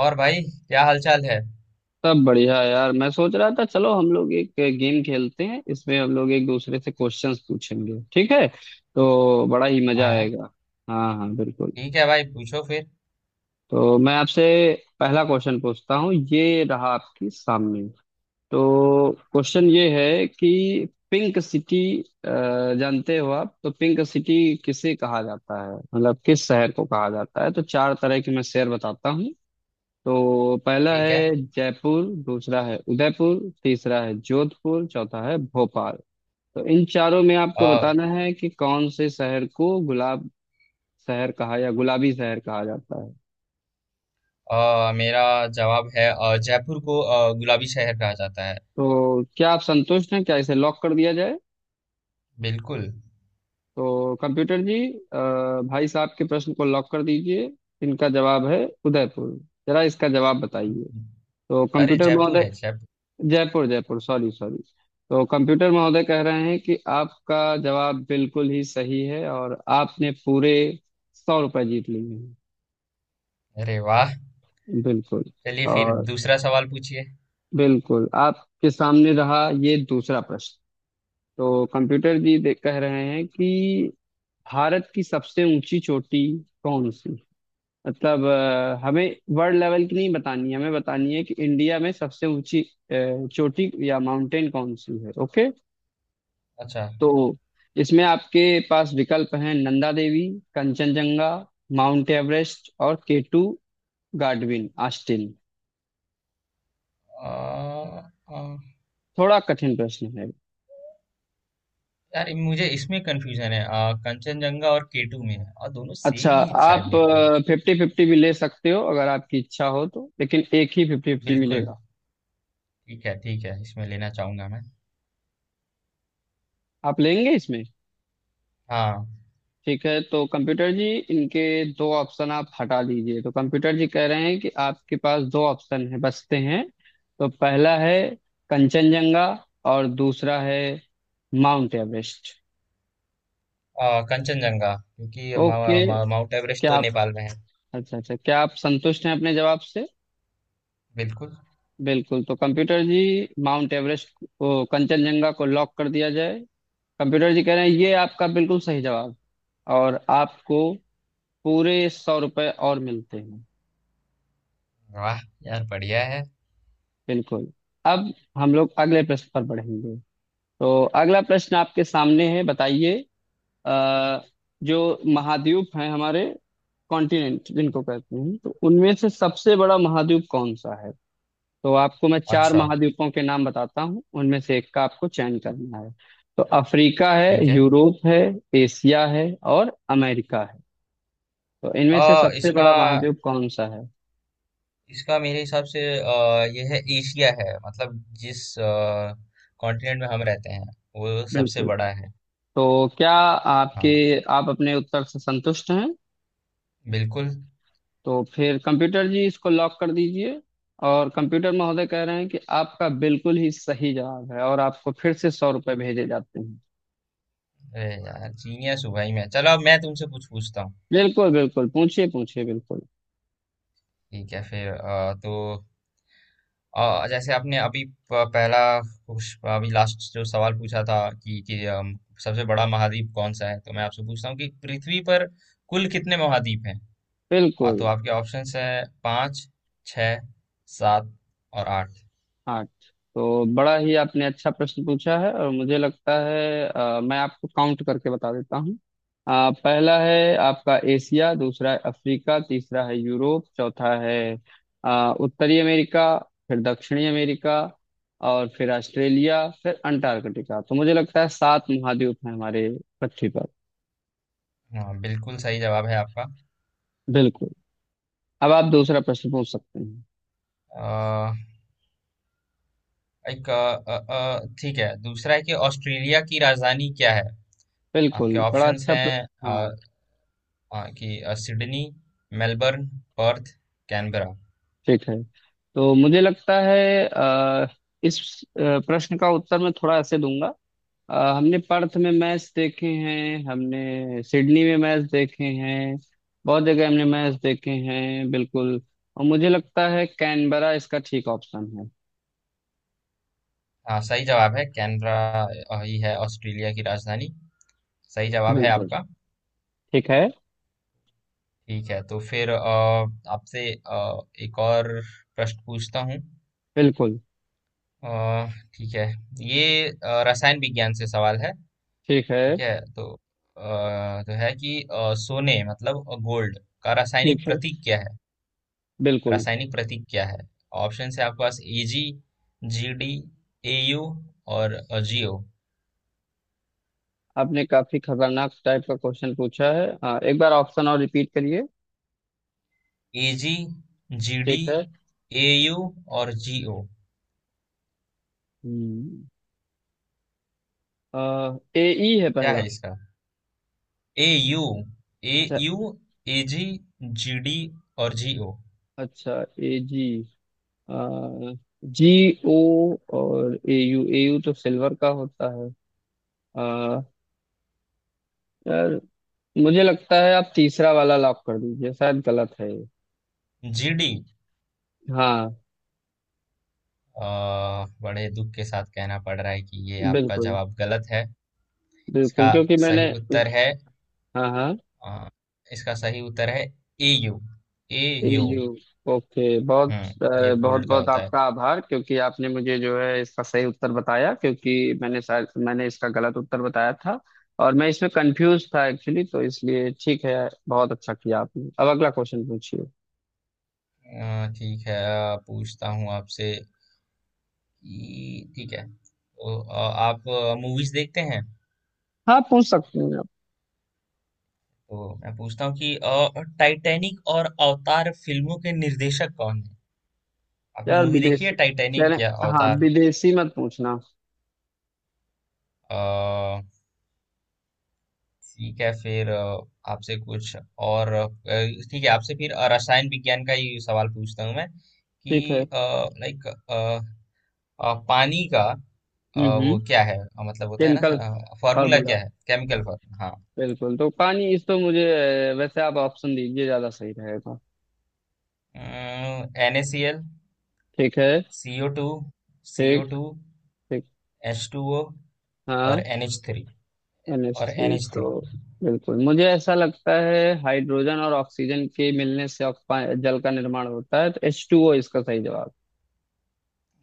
और भाई, क्या हालचाल है? सब बढ़िया यार। मैं सोच रहा था चलो हम लोग एक गेम खेलते हैं, इसमें हम लोग एक दूसरे से क्वेश्चंस पूछेंगे, ठीक है? तो बड़ा ही मजा आया। आएगा। हाँ हाँ, बिल्कुल। ठीक है भाई, पूछो फिर। तो मैं आपसे पहला क्वेश्चन पूछता हूँ, ये रहा आपके सामने। तो क्वेश्चन ये है कि पिंक सिटी, जानते हो आप? तो पिंक सिटी किसे कहा जाता है, मतलब किस शहर को कहा जाता है? तो चार तरह के मैं शहर बताता हूँ। तो पहला ठीक है। है जयपुर, दूसरा है उदयपुर, तीसरा है जोधपुर, चौथा है भोपाल। तो इन चारों में आपको अ, बताना है कि कौन से शहर को गुलाब शहर कहा या गुलाबी शहर कहा जाता है। मेरा जवाब है जयपुर को गुलाबी शहर कहा जाता है। तो क्या आप संतुष्ट हैं? क्या इसे लॉक कर दिया जाए? बिल्कुल। तो कंप्यूटर जी, अ, भाई साहब के प्रश्न को लॉक कर दीजिए। इनका जवाब है उदयपुर। जरा इसका जवाब बताइए। तो अरे, कंप्यूटर जयपुर महोदय, है जयपुर। Jaipur, Jaipur, sorry sorry. तो कंप्यूटर महोदय कह रहे हैं कि आपका जवाब बिल्कुल ही सही है और आपने पूरे सौ रुपये जीत लिए हैं। अरे वाह। बिल्कुल। चलिए फिर और दूसरा सवाल पूछिए। बिल्कुल आपके सामने रहा ये दूसरा प्रश्न। तो कंप्यूटर जी कह रहे हैं कि भारत की सबसे ऊंची चोटी कौन सी, मतलब हमें वर्ल्ड लेवल की नहीं बतानी है, हमें बतानी है कि इंडिया में सबसे ऊंची चोटी या माउंटेन कौन सी है, ओके। अच्छा। तो इसमें आपके पास विकल्प हैं: नंदा देवी, कंचनजंगा, माउंट एवरेस्ट और केटू गाडविन आस्टिन। अ, अ, थोड़ा कठिन प्रश्न है। यार, मुझे इसमें कंफ्यूजन है। कंचनजंगा और केटू में है, और दोनों अच्छा, सेम ही शायद, आप मेरे को लगता। फिफ्टी फिफ्टी भी ले सकते हो अगर आपकी इच्छा हो तो, लेकिन एक ही फिफ्टी फिफ्टी बिल्कुल। मिलेगा। ठीक है, ठीक है, इसमें लेना चाहूंगा मैं। आप लेंगे इसमें? हाँ। ठीक है, तो कंप्यूटर जी, इनके दो ऑप्शन आप हटा दीजिए। तो कंप्यूटर जी कह रहे हैं कि आपके पास दो ऑप्शन है बचते हैं। तो पहला है कंचनजंगा और दूसरा है माउंट एवरेस्ट। कंचनजंगा, क्योंकि मा- ओके। मा- माउंट एवरेस्ट क्या तो आप नेपाल में है। अच्छा अच्छा, क्या आप संतुष्ट हैं अपने जवाब से? बिल्कुल। बिल्कुल। तो कंप्यूटर जी, माउंट एवरेस्ट को कंचनजंगा को लॉक कर दिया जाए। कंप्यूटर जी कह रहे हैं ये आपका बिल्कुल सही जवाब, और आपको पूरे सौ रुपये और मिलते हैं। वाह, यार बढ़िया है। बिल्कुल। अब हम लोग अगले प्रश्न पर बढ़ेंगे। तो अगला प्रश्न आपके सामने है, बताइए। अ, जो महाद्वीप हैं हमारे, कॉन्टिनेंट जिनको कहते हैं, तो उनमें से सबसे बड़ा महाद्वीप कौन सा है? तो आपको मैं चार अच्छा। महाद्वीपों के नाम बताता हूँ, उनमें से एक का आपको चयन करना है। तो अफ्रीका है, ठीक है। यूरोप है, एशिया है और अमेरिका है। तो इनमें से सबसे इसका बड़ा महाद्वीप कौन सा है? इसका मेरे हिसाब से ये है, एशिया है, मतलब जिस कॉन्टिनेंट में हम रहते हैं वो सबसे बिल्कुल। बड़ा है। तो क्या आपके हाँ। आप अपने उत्तर से संतुष्ट हैं? बिल्कुल। तो फिर कंप्यूटर जी इसको लॉक कर दीजिए। और कंप्यूटर महोदय कह रहे हैं कि आपका बिल्कुल ही सही जवाब है और आपको फिर से सौ रुपये भेजे जाते हैं। अरे यार, जीनियस हूँ भाई मैं। चलो, अब मैं तुमसे कुछ पूछता हूँ। बिल्कुल बिल्कुल, पूछिए पूछिए, बिल्कुल ठीक है फिर। तो जैसे आपने अभी पहला कुछ, अभी लास्ट जो सवाल पूछा था कि सबसे बड़ा महाद्वीप कौन सा है, तो मैं आपसे पूछता हूँ कि पृथ्वी पर कुल कितने महाद्वीप हैं। और तो बिल्कुल। आपके ऑप्शंस हैं पाँच, छः, सात और आठ। आठ। तो बड़ा ही आपने अच्छा प्रश्न पूछा है और मुझे लगता है मैं आपको काउंट करके बता देता हूँ। पहला है आपका एशिया, दूसरा है अफ्रीका, तीसरा है यूरोप, चौथा है उत्तरी अमेरिका, फिर दक्षिणी अमेरिका, और फिर ऑस्ट्रेलिया, फिर अंटार्कटिका। तो मुझे लगता है सात महाद्वीप हैं हमारे पृथ्वी पर। हाँ, बिल्कुल सही जवाब है आपका। बिल्कुल। अब आप दूसरा प्रश्न पूछ सकते हैं। अ, एक ठीक है, दूसरा है कि ऑस्ट्रेलिया की राजधानी क्या है। आपके बिल्कुल, बड़ा ऑप्शंस अच्छा हैं हाँ, कि सिडनी, मेलबर्न, पर्थ, कैनबरा। ठीक है। तो मुझे लगता है इस प्रश्न का उत्तर मैं थोड़ा ऐसे दूंगा। हमने पर्थ में मैच देखे हैं, हमने सिडनी में मैच देखे हैं, बहुत जगह हमने मैच देखे हैं, बिल्कुल। और मुझे लगता है कैनबरा इसका ठीक ऑप्शन है। हाँ, सही जवाब है, कैनबरा ही है ऑस्ट्रेलिया की राजधानी। सही जवाब है बिल्कुल। आपका। ठीक है। ठीक है, तो फिर आपसे एक और प्रश्न पूछता हूँ। बिल्कुल। अ, ठीक है, ये रसायन विज्ञान से सवाल है। ठीक है। ठीक है, अ, तो है कि सोने, मतलब गोल्ड का रासायनिक ठीक है। प्रतीक क्या है? बिल्कुल। रासायनिक प्रतीक क्या है? ऑप्शन है आपके पास एजी, जीडी, एयू और जीओ। आपने काफी खतरनाक टाइप का क्वेश्चन पूछा है, एक बार ऑप्शन और रिपीट करिए। एजी, जीडी, ठीक है। एयू और जीओ। ए ई है क्या पहला। है इसका? एयू, अच्छा, एयू। एजी, जीडी और जीओ। अच्छा। ए जी, जी ओ और ए यू। ए यू तो सिल्वर का होता है। आ, यार, मुझे लगता है आप तीसरा वाला लॉक कर दीजिए, शायद गलत है ये। जीडी। हाँ। बड़े दुख के साथ कहना पड़ रहा है कि ये आपका बिल्कुल। जवाब गलत है। बिल्कुल, इसका क्योंकि मैंने... सही उत्तर है, हाँ हाँ। अ, इसका सही उत्तर है एयू, एयू। ईयू। ओके। बहुत हम्म, ये बहुत गोल्ड का बहुत होता है। आपका आभार, क्योंकि आपने मुझे जो है इसका सही उत्तर बताया, क्योंकि मैंने शायद मैंने इसका गलत उत्तर बताया था। और मैं इसमें कंफ्यूज था एक्चुअली, तो इसलिए ठीक है, बहुत अच्छा किया आपने। अब अगला क्वेश्चन पूछिए। ठीक है, पूछता हूँ आपसे ठीक है तो, आप मूवीज देखते हैं। हाँ, पूछ सकते हैं आप। तो मैं पूछता हूँ कि टाइटैनिक और अवतार फिल्मों के निर्देशक कौन है? आपने यार, मूवी देखी है विदेशी कह टाइटैनिक या रहे... हाँ, अवतार? विदेशी मत पूछना। अ, ठीक है फिर आपसे कुछ और, ठीक है, आपसे फिर रसायन विज्ञान का ही सवाल पूछता हूँ मैं, कि ठीक है। लाइक पानी का वो हम्म। क्या है, मतलब होता है केमिकल ना, फॉर्मूला फार्मूला। क्या है, केमिकल फॉर्मूला? हाँ। बिल्कुल। तो पानी इस तो मुझे वैसे आप ऑप्शन दीजिए, ज्यादा सही रहेगा। एन ए सी एल, ठीक है। सी ओ टू, सी ओ ठीक। टू, ठीक। एच टू ओ हाँ। और एन एच थ्री। और NH3 तो, NH3। बिल्कुल, मुझे ऐसा लगता है हाइड्रोजन और ऑक्सीजन के मिलने से जल का निर्माण होता है, तो H2O इसका सही जवाब।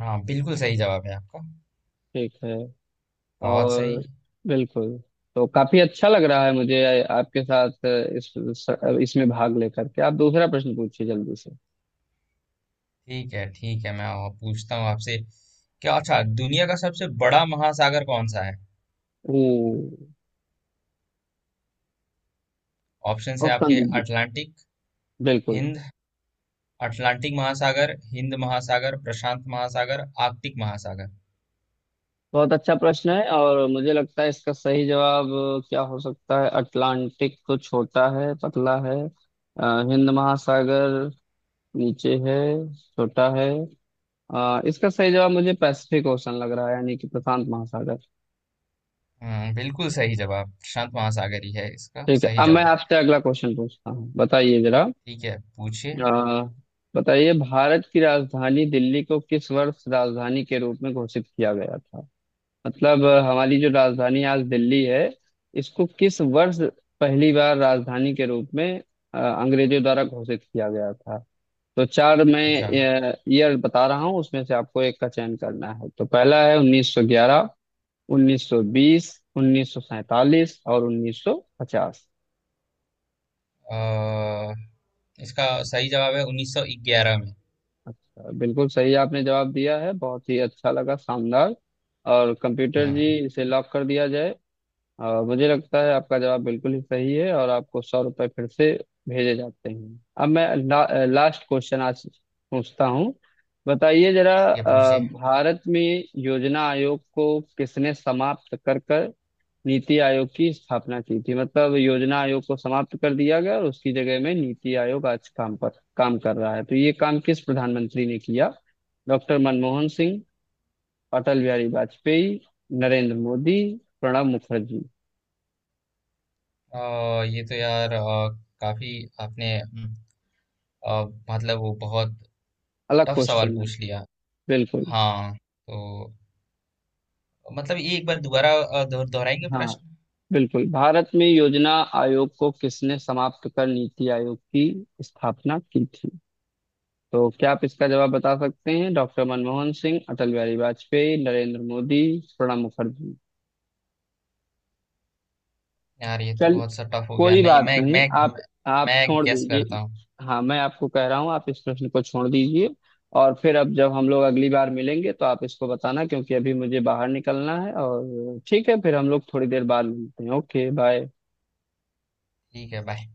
हाँ, बिल्कुल सही जवाब है आपका। ठीक है। बहुत और सही। बिल्कुल। तो काफी अच्छा लग रहा है मुझे आपके साथ इस इसमें भाग लेकर के। आप दूसरा प्रश्न पूछिए जल्दी से। ठीक है, ठीक है, मैं और पूछता हूँ आपसे। क्या अच्छा, दुनिया का सबसे बड़ा महासागर कौन सा है? ओ, ऑप्शंस है ऑप्शन आपके, दीजिए। अटलांटिक, बिल्कुल। हिंद, अटलांटिक महासागर, हिंद महासागर, प्रशांत महासागर, आर्कटिक महासागर। बहुत अच्छा प्रश्न है, और मुझे लगता है इसका सही जवाब क्या हो सकता है। अटलांटिक तो छोटा है, पतला है, हिंद महासागर नीचे है, छोटा है। इसका सही जवाब मुझे पैसिफिक ओशन लग रहा है, यानी कि प्रशांत महासागर। हम्म, बिल्कुल सही जवाब, प्रशांत महासागर ही है इसका ठीक है। सही अब मैं जवाब। आपसे अगला क्वेश्चन पूछता हूँ, बताइए जरा। ठीक है, पूछिए। आ, बताइए भारत की राजधानी दिल्ली को किस वर्ष राजधानी के रूप में घोषित किया गया था, मतलब हमारी जो राजधानी आज दिल्ली है, इसको किस वर्ष पहली बार राजधानी के रूप में अंग्रेजों द्वारा घोषित किया गया था। तो चार मैं अच्छा। ईयर बता रहा हूँ, उसमें से आपको एक का चयन करना है। तो पहला है 1911, 1920, 1947 और 1950। अ, इसका सही जवाब है 1911 में। अच्छा, बिल्कुल सही आपने जवाब दिया है, बहुत ही अच्छा लगा, शानदार। और कंप्यूटर जी हम्म। इसे लॉक कर दिया जाए। और मुझे लगता है आपका जवाब बिल्कुल ही सही है और आपको सौ रुपये फिर से भेजे जाते हैं। अब मैं लास्ट क्वेश्चन आज पूछता हूँ, बताइए जरा। ये पूछिए। भारत में योजना आयोग को किसने समाप्त कर कर नीति आयोग की स्थापना की थी, मतलब योजना आयोग को समाप्त कर दिया गया और उसकी जगह में नीति आयोग आज काम कर रहा है। तो ये काम किस प्रधानमंत्री ने किया? डॉक्टर मनमोहन सिंह, अटल बिहारी वाजपेयी, नरेंद्र मोदी, प्रणब मुखर्जी। अ, ये तो यार, काफी आपने अ, मतलब वो बहुत अलग टफ सवाल क्वेश्चन है। पूछ लिया। बिल्कुल। हाँ तो, मतलब ये एक बार दोबारा दोहराएंगे हाँ, प्रश्न। बिल्कुल। भारत में योजना आयोग को किसने समाप्त कर नीति आयोग की स्थापना की थी? तो क्या आप इसका जवाब बता सकते हैं? डॉक्टर मनमोहन सिंह, अटल बिहारी वाजपेयी, नरेंद्र मोदी, प्रणब मुखर्जी। यार, ये तो चल, बहुत सा टफ हो गया, कोई नहीं, बात नहीं, मैं, आप मैं छोड़ गैस दीजिए। करता हूँ। हाँ, मैं आपको कह रहा हूँ आप इस प्रश्न को छोड़ दीजिए। और फिर अब जब हम लोग अगली बार मिलेंगे तो आप इसको बताना, क्योंकि अभी मुझे बाहर निकलना है। और ठीक है, फिर हम लोग थोड़ी देर बाद मिलते हैं। Okay, bye. ठीक है, बाय।